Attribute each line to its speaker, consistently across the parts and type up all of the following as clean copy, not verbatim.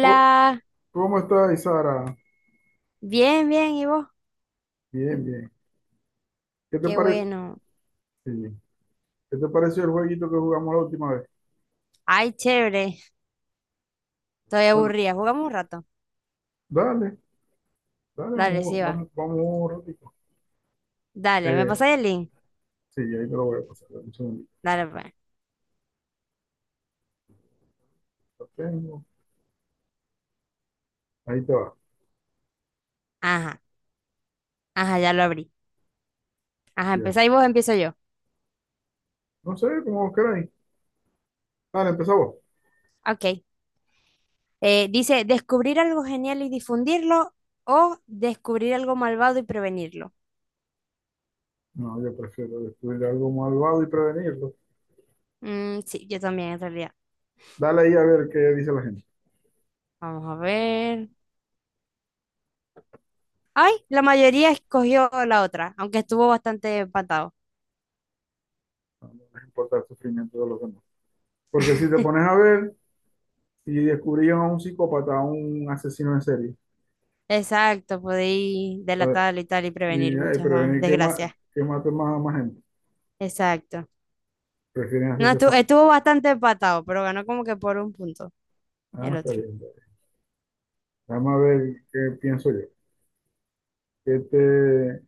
Speaker 1: Oh, ¿cómo estás, Sara?
Speaker 2: bien, bien, ¿y vos?
Speaker 1: Bien, bien. ¿Qué te
Speaker 2: Qué
Speaker 1: parece?
Speaker 2: bueno.
Speaker 1: ¿Qué te pareció el jueguito que jugamos la última vez?
Speaker 2: Ay, chévere. Estoy
Speaker 1: Bueno,
Speaker 2: aburrida. Jugamos un rato.
Speaker 1: dale, dale,
Speaker 2: Dale, sí
Speaker 1: vamos,
Speaker 2: va.
Speaker 1: vamos, vamos un ratito.
Speaker 2: Dale, ¿me
Speaker 1: Eh,
Speaker 2: pasáis el link?
Speaker 1: sí, ahí te lo voy a pasar. Dame un segundito.
Speaker 2: Dale, pues.
Speaker 1: Lo tengo. Ahí te va.
Speaker 2: Ajá, ajá, ya lo abrí. Ajá,
Speaker 1: Ya.
Speaker 2: empezáis vos, empiezo yo.
Speaker 1: No sé, como vos queráis. Dale, empezá vos.
Speaker 2: Ok. Dice, descubrir algo genial y difundirlo o descubrir algo malvado y prevenirlo.
Speaker 1: No, yo prefiero descubrir algo malvado y prevenirlo.
Speaker 2: Mm, sí, yo también, en realidad.
Speaker 1: Dale ahí a ver qué dice la gente.
Speaker 2: Vamos a ver. Ay, la mayoría escogió la otra, aunque estuvo bastante empatado.
Speaker 1: No, no les importa el sufrimiento de los demás. Porque si te pones a ver, si descubrían a un psicópata, a un asesino en serie.
Speaker 2: Exacto, podéis
Speaker 1: eh,
Speaker 2: delatarlo y tal y
Speaker 1: Y
Speaker 2: prevenir
Speaker 1: ay,
Speaker 2: muchas más
Speaker 1: prevenir que, ma
Speaker 2: desgracias.
Speaker 1: que maten más a más gente.
Speaker 2: Exacto.
Speaker 1: Prefieren
Speaker 2: No,
Speaker 1: hacerse fa-.
Speaker 2: estuvo bastante empatado, pero ganó como que por un punto
Speaker 1: Ah,
Speaker 2: el
Speaker 1: está
Speaker 2: otro.
Speaker 1: bien, está bien. Vamos a ver qué pienso yo. ¿Qué te,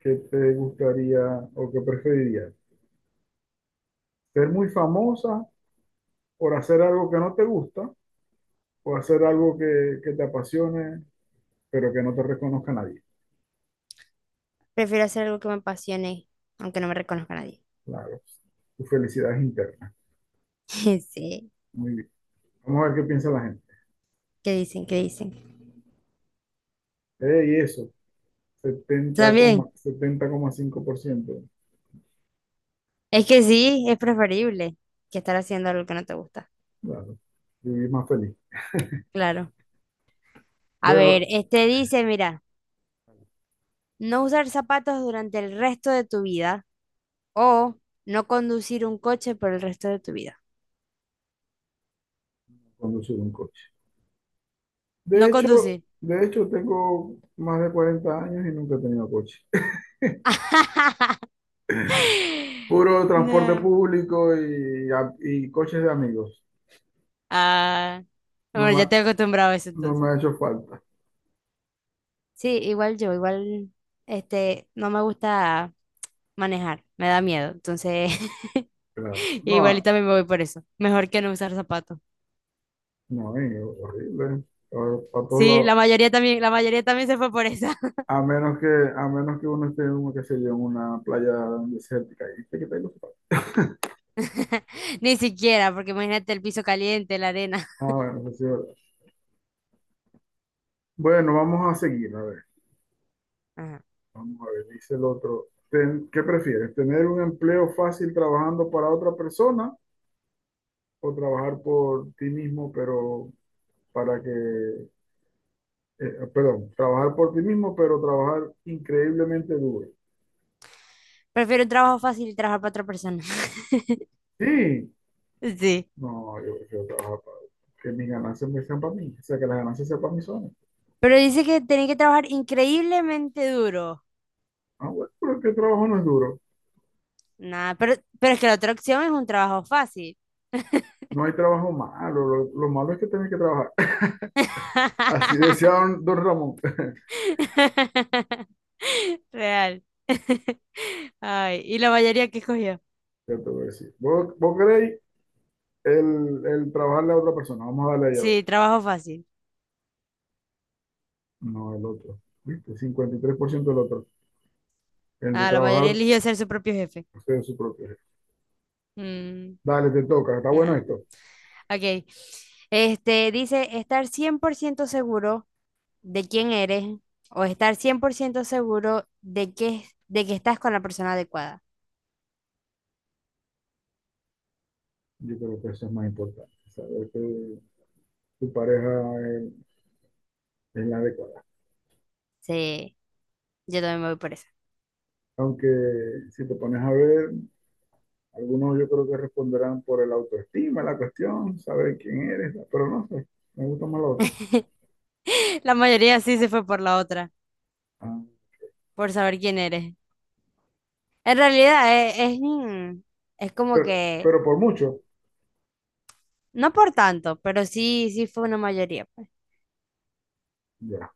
Speaker 1: qué te gustaría o qué preferirías? ¿Ser muy famosa por hacer algo que no te gusta o hacer algo que te apasione pero que no te reconozca nadie?
Speaker 2: Prefiero hacer algo que me apasione, aunque no me reconozca nadie.
Speaker 1: Claro, tu felicidad es interna.
Speaker 2: Sí,
Speaker 1: Muy bien. Vamos a ver qué piensa la gente.
Speaker 2: ¿qué dicen? ¿Qué dicen?
Speaker 1: Y eso,
Speaker 2: También,
Speaker 1: 70,5%.
Speaker 2: es que sí, es preferible que estar haciendo algo que no te gusta.
Speaker 1: Claro, vivir más feliz.
Speaker 2: Claro. A
Speaker 1: Bueno,
Speaker 2: ver, este dice, mira, no usar zapatos durante el resto de tu vida o no conducir un coche por el resto de tu vida.
Speaker 1: conducir un coche. De
Speaker 2: No
Speaker 1: hecho,
Speaker 2: conducir.
Speaker 1: de hecho, tengo más de 40 años y nunca he tenido coche. Puro transporte
Speaker 2: No.
Speaker 1: público y, y coches de amigos.
Speaker 2: Ah,
Speaker 1: No
Speaker 2: bueno,
Speaker 1: me,
Speaker 2: ya
Speaker 1: ha-
Speaker 2: te he acostumbrado a eso
Speaker 1: no me
Speaker 2: entonces.
Speaker 1: ha hecho falta.
Speaker 2: Sí, igual yo, igual, este, no me gusta manejar, me da miedo. Entonces,
Speaker 1: Claro.
Speaker 2: igual y
Speaker 1: No,
Speaker 2: también me voy por eso. Mejor que no usar zapatos.
Speaker 1: no, es horrible. Para todos
Speaker 2: Sí,
Speaker 1: lados.
Speaker 2: la mayoría también se fue por eso.
Speaker 1: A menos que, a menos que uno esté qué sé yo, en una playa desértica. Y que tengo zapatos.
Speaker 2: Ni siquiera, porque imagínate el piso caliente, la arena.
Speaker 1: Ah, bueno, eso sí es verdad. Bueno, vamos a seguir. A ver,
Speaker 2: Ajá.
Speaker 1: vamos a ver, dice el otro. ¿Qué prefieres? ¿Tener un empleo fácil trabajando para otra persona, o trabajar por ti mismo, pero para que, eh, perdón, trabajar por ti mismo, pero trabajar increíblemente duro?
Speaker 2: Prefiero un trabajo fácil y trabajar para otra persona.
Speaker 1: Sí,
Speaker 2: Sí.
Speaker 1: no, yo prefiero trabajar para que mis ganancias me sean para mí, o sea, que las ganancias sean para mí solas.
Speaker 2: Pero dice que tenés que trabajar increíblemente duro.
Speaker 1: Ah, bueno, pero es que el trabajo no es duro.
Speaker 2: Nada, pero es que la otra opción es un trabajo fácil.
Speaker 1: No hay trabajo malo, lo malo es que tenés que trabajar. Así decía don Ramón.
Speaker 2: Real. Ay, ¿y la mayoría que escogió?
Speaker 1: Ya te voy a decir. ¿Vos queréis el trabajarle a otra persona? Vamos a darle ahí a ver.
Speaker 2: Sí, trabajo fácil.
Speaker 1: No, el otro. ¿Viste? 53% del otro. El de
Speaker 2: Ah, la mayoría
Speaker 1: trabajar
Speaker 2: eligió ser su propio jefe.
Speaker 1: usted es su propio.
Speaker 2: Mm,
Speaker 1: Dale, te toca, está bueno
Speaker 2: nada.
Speaker 1: esto.
Speaker 2: Ok. Este dice estar 100% seguro de quién eres o estar 100% seguro de que estás con la persona adecuada.
Speaker 1: Yo creo que eso es más importante, saber que tu pareja es la adecuada.
Speaker 2: Sí, yo también me voy por eso.
Speaker 1: Aunque si te pones a ver, algunos yo creo que responderán por el autoestima, la cuestión, saber quién eres, pero no sé, me gusta más lo otro.
Speaker 2: La mayoría sí se fue por la otra,
Speaker 1: Ah,
Speaker 2: por saber quién eres. En realidad es, es, como
Speaker 1: Pero,
Speaker 2: que,
Speaker 1: pero por mucho,
Speaker 2: no por tanto, pero sí, sí fue una mayoría pues.
Speaker 1: ya,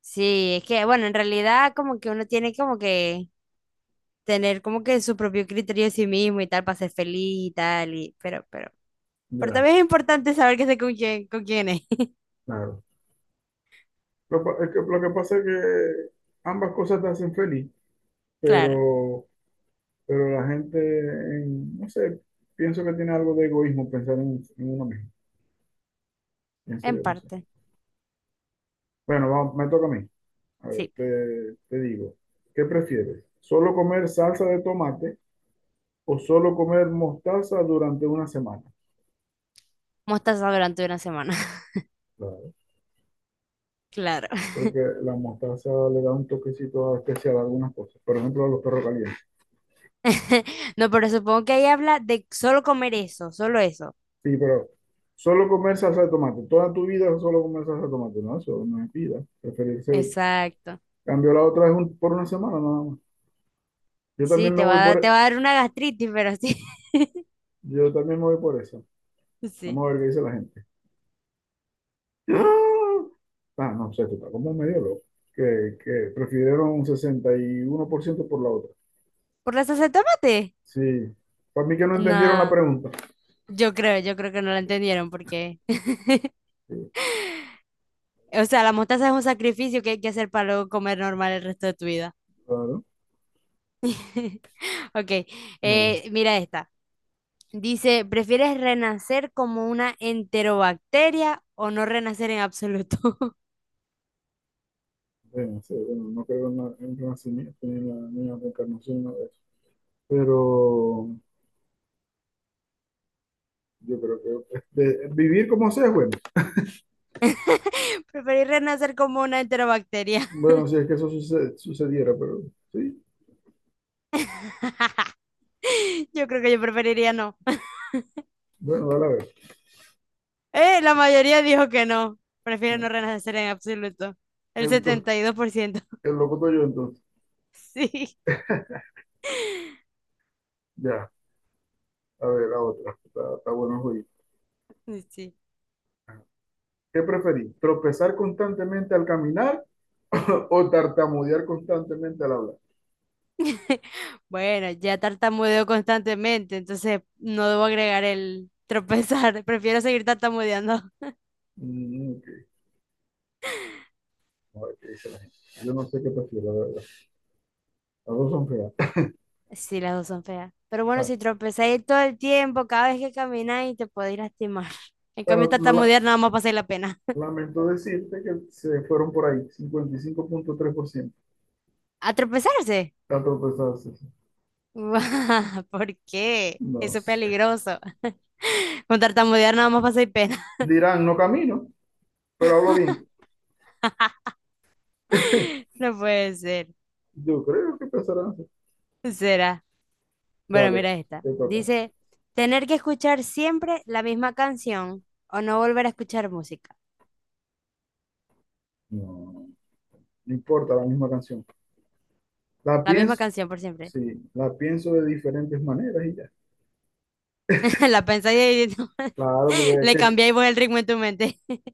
Speaker 2: Sí, es que, bueno, en realidad como que uno tiene como que tener como que su propio criterio de sí mismo y tal para ser feliz y tal, y, pero
Speaker 1: ya,
Speaker 2: también es importante saber que sé con quién es.
Speaker 1: claro. Es que, lo que pasa es que ambas cosas te hacen feliz,
Speaker 2: Claro,
Speaker 1: pero, pero la gente, no sé, pienso que tiene algo de egoísmo pensar en uno mismo, pienso
Speaker 2: en
Speaker 1: yo, no sé.
Speaker 2: parte,
Speaker 1: Bueno, vamos, me toca a mí. A ver,
Speaker 2: sí.
Speaker 1: te digo, ¿qué prefieres? ¿Solo comer salsa de tomate o solo comer mostaza durante una semana?
Speaker 2: Mostaza durante una semana,
Speaker 1: Claro.
Speaker 2: claro.
Speaker 1: Porque la mostaza le da un toquecito especial a algunas cosas, por ejemplo a los perros calientes.
Speaker 2: No, pero supongo que ahí habla de solo comer eso, solo eso.
Speaker 1: Sí, pero solo comer salsa de tomate, toda tu vida solo comer salsa de tomate, no, eso no es vida. Preferirse,
Speaker 2: Exacto.
Speaker 1: cambio la otra es un- por una semana nada más. Yo
Speaker 2: Sí,
Speaker 1: también me
Speaker 2: te va
Speaker 1: voy
Speaker 2: a,
Speaker 1: por,
Speaker 2: te
Speaker 1: e,
Speaker 2: va a dar una gastritis, pero sí.
Speaker 1: yo también me voy por esa.
Speaker 2: Sí.
Speaker 1: Vamos a ver qué dice la gente. ¡Ah! Ah, no sé, tú estás como medio loco. Que prefirieron un 61% por ciento por la otra.
Speaker 2: ¿Por la salsa de tomate?
Speaker 1: Sí. Para mí que no entendieron la
Speaker 2: No,
Speaker 1: pregunta.
Speaker 2: yo creo que no la entendieron porque...
Speaker 1: Sí,
Speaker 2: O sea, la mostaza es un sacrificio que hay que hacer para luego comer normal el resto de tu vida.
Speaker 1: claro.
Speaker 2: Ok,
Speaker 1: Dale.
Speaker 2: mira esta. Dice, ¿prefieres renacer como una enterobacteria o no renacer en absoluto?
Speaker 1: Bueno, sí, bueno, no creo en el renacimiento ni en la reencarnación, nada de eso. Pero yo creo que este, vivir como sea es bueno.
Speaker 2: Preferir renacer como una enterobacteria.
Speaker 1: Bueno, si es que eso sucediera, pero sí.
Speaker 2: Yo creo que yo preferiría no.
Speaker 1: Bueno, dale a ver.
Speaker 2: La mayoría dijo que no. Prefiere no
Speaker 1: Ah,
Speaker 2: renacer en absoluto. El
Speaker 1: entonces,
Speaker 2: 72%.
Speaker 1: el loco soy yo entonces.
Speaker 2: Sí,
Speaker 1: Ya, a ver, la otra. Está bueno el juego.
Speaker 2: sí.
Speaker 1: ¿Qué preferís? ¿Tropezar constantemente al caminar o tartamudear constantemente al hablar?
Speaker 2: Bueno, ya tartamudeo constantemente, entonces no debo agregar el tropezar. Prefiero seguir tartamudeando.
Speaker 1: Mm, ok. A ver qué dice la gente. Yo no sé qué prefiero, la verdad. Las dos son feas.
Speaker 2: Sí, las dos son feas. Pero bueno,
Speaker 1: Ah,
Speaker 2: si tropezáis todo el tiempo, cada vez que camináis, te podéis lastimar. En cambio,
Speaker 1: bueno,
Speaker 2: tartamudear nada más pasáis la pena.
Speaker 1: lamento decirte que se fueron por ahí, 55,3%
Speaker 2: ¿A tropezarse?
Speaker 1: a tropezarse. Sí.
Speaker 2: ¿Por qué?
Speaker 1: No
Speaker 2: Eso es
Speaker 1: sé.
Speaker 2: peligroso. Con tartamudear nada más pasáis pena.
Speaker 1: Dirán, no camino, pero hablo bien.
Speaker 2: No puede ser.
Speaker 1: Yo creo que empezarán así.
Speaker 2: Será. Bueno,
Speaker 1: Dale,
Speaker 2: mira esta.
Speaker 1: te toca.
Speaker 2: Dice, tener que escuchar siempre la misma canción o no volver a escuchar música.
Speaker 1: No, no importa, la misma canción. La
Speaker 2: La misma
Speaker 1: pienso,
Speaker 2: canción por siempre.
Speaker 1: sí, la pienso de diferentes maneras y ya.
Speaker 2: La pensáis y no,
Speaker 1: Claro, porque hay
Speaker 2: le
Speaker 1: que...
Speaker 2: cambiáis vos el ritmo en tu mente.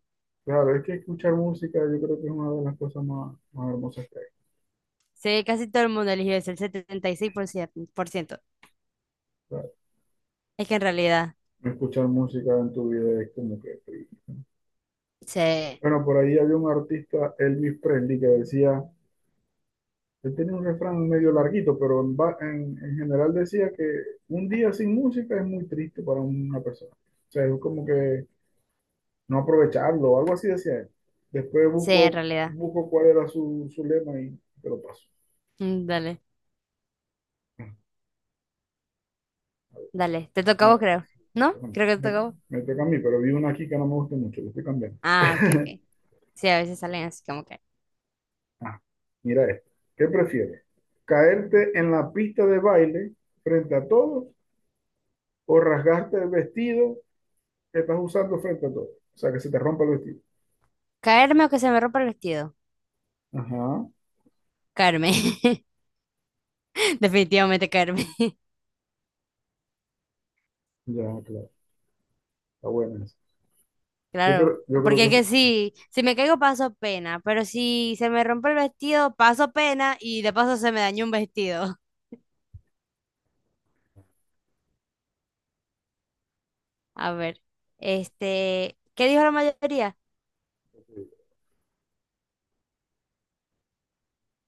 Speaker 1: Claro, es que escuchar música yo creo que es una de las cosas más, más hermosas que hay.
Speaker 2: Sí, casi todo el mundo eligió eso, el 76% por ciento.
Speaker 1: Claro.
Speaker 2: Es que en realidad,
Speaker 1: Escuchar música en tu vida es como que...
Speaker 2: sí,
Speaker 1: Bueno, por ahí había un artista, Elvis Presley, que decía, él tenía un refrán medio larguito, pero en general decía que un día sin música es muy triste para una persona. O sea, es como que no aprovecharlo, algo así decía él. Después
Speaker 2: sí, en
Speaker 1: busco,
Speaker 2: realidad.
Speaker 1: busco cuál era su lema y te lo paso.
Speaker 2: Dale, dale. Te toca a
Speaker 1: Vamos
Speaker 2: vos, creo.
Speaker 1: a
Speaker 2: ¿No?
Speaker 1: Bueno,
Speaker 2: Creo que te
Speaker 1: me,
Speaker 2: toca a vos.
Speaker 1: me toca a mí, pero vi una aquí que no me gusta mucho, lo estoy cambiando.
Speaker 2: Ah, ok, ok. Sí, a veces salen así como que.
Speaker 1: Ah, mira esto. ¿Qué prefieres? ¿Caerte en la pista de baile frente a todos o rasgarte el vestido que estás usando frente a todos? O sea, que se te rompa el vestido.
Speaker 2: ¿Caerme o que se me rompa el vestido?
Speaker 1: Ajá,
Speaker 2: Caerme. Definitivamente caerme,
Speaker 1: ya, claro. Está buena esa.
Speaker 2: claro.
Speaker 1: Yo creo
Speaker 2: Porque
Speaker 1: que
Speaker 2: es
Speaker 1: eso,
Speaker 2: que sí, si me caigo paso pena, pero si se me rompe el vestido, paso pena y de paso se me dañó un vestido. A ver, este, ¿qué dijo la mayoría?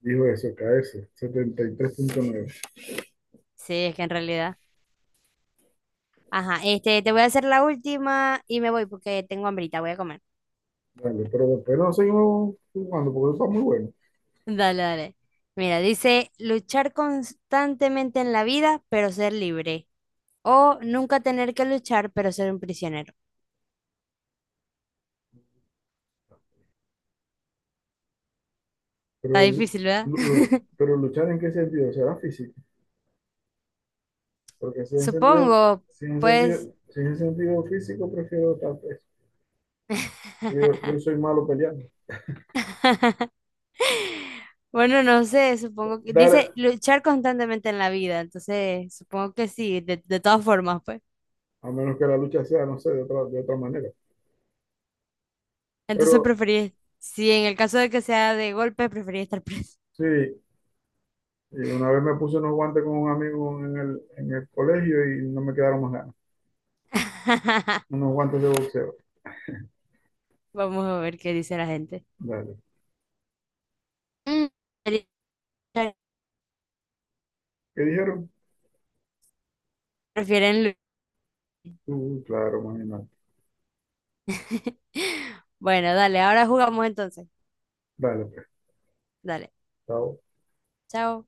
Speaker 1: dijo eso, caerse, 73,9.
Speaker 2: Sí, es que en realidad. Ajá, este, te voy a hacer la última y me voy porque tengo hambrita, voy a comer.
Speaker 1: Vale, pero después no seguimos jugando porque eso está muy bueno.
Speaker 2: Dale, dale. Mira, dice luchar constantemente en la vida, pero ser libre. O nunca tener que luchar, pero ser un prisionero.
Speaker 1: Pero,
Speaker 2: Está
Speaker 1: lu-
Speaker 2: difícil, ¿verdad?
Speaker 1: lu- pero luchar, ¿en qué sentido? ¿Será físico? Porque
Speaker 2: Supongo, pues.
Speaker 1: si es en sentido físico, prefiero estar preso. Yo soy malo peleando.
Speaker 2: Bueno, no sé, supongo que dice
Speaker 1: Dar,
Speaker 2: luchar constantemente en la vida, entonces supongo que sí, de todas formas, pues.
Speaker 1: a menos que la lucha sea, no sé, de otra manera.
Speaker 2: Entonces
Speaker 1: Pero
Speaker 2: preferí, si en el caso de que sea de golpe, preferí estar preso.
Speaker 1: sí, y una vez me puse unos guantes con un amigo en el colegio y no me quedaron más ganas. Unos guantes de boxeo.
Speaker 2: Vamos a ver qué dice la gente.
Speaker 1: Dale.
Speaker 2: Mm,
Speaker 1: ¿Qué dijeron?
Speaker 2: prefieren
Speaker 1: Claro, imagínate.
Speaker 2: bueno, dale, ahora jugamos entonces.
Speaker 1: Dale, pues.
Speaker 2: Dale,
Speaker 1: Chao.
Speaker 2: chao.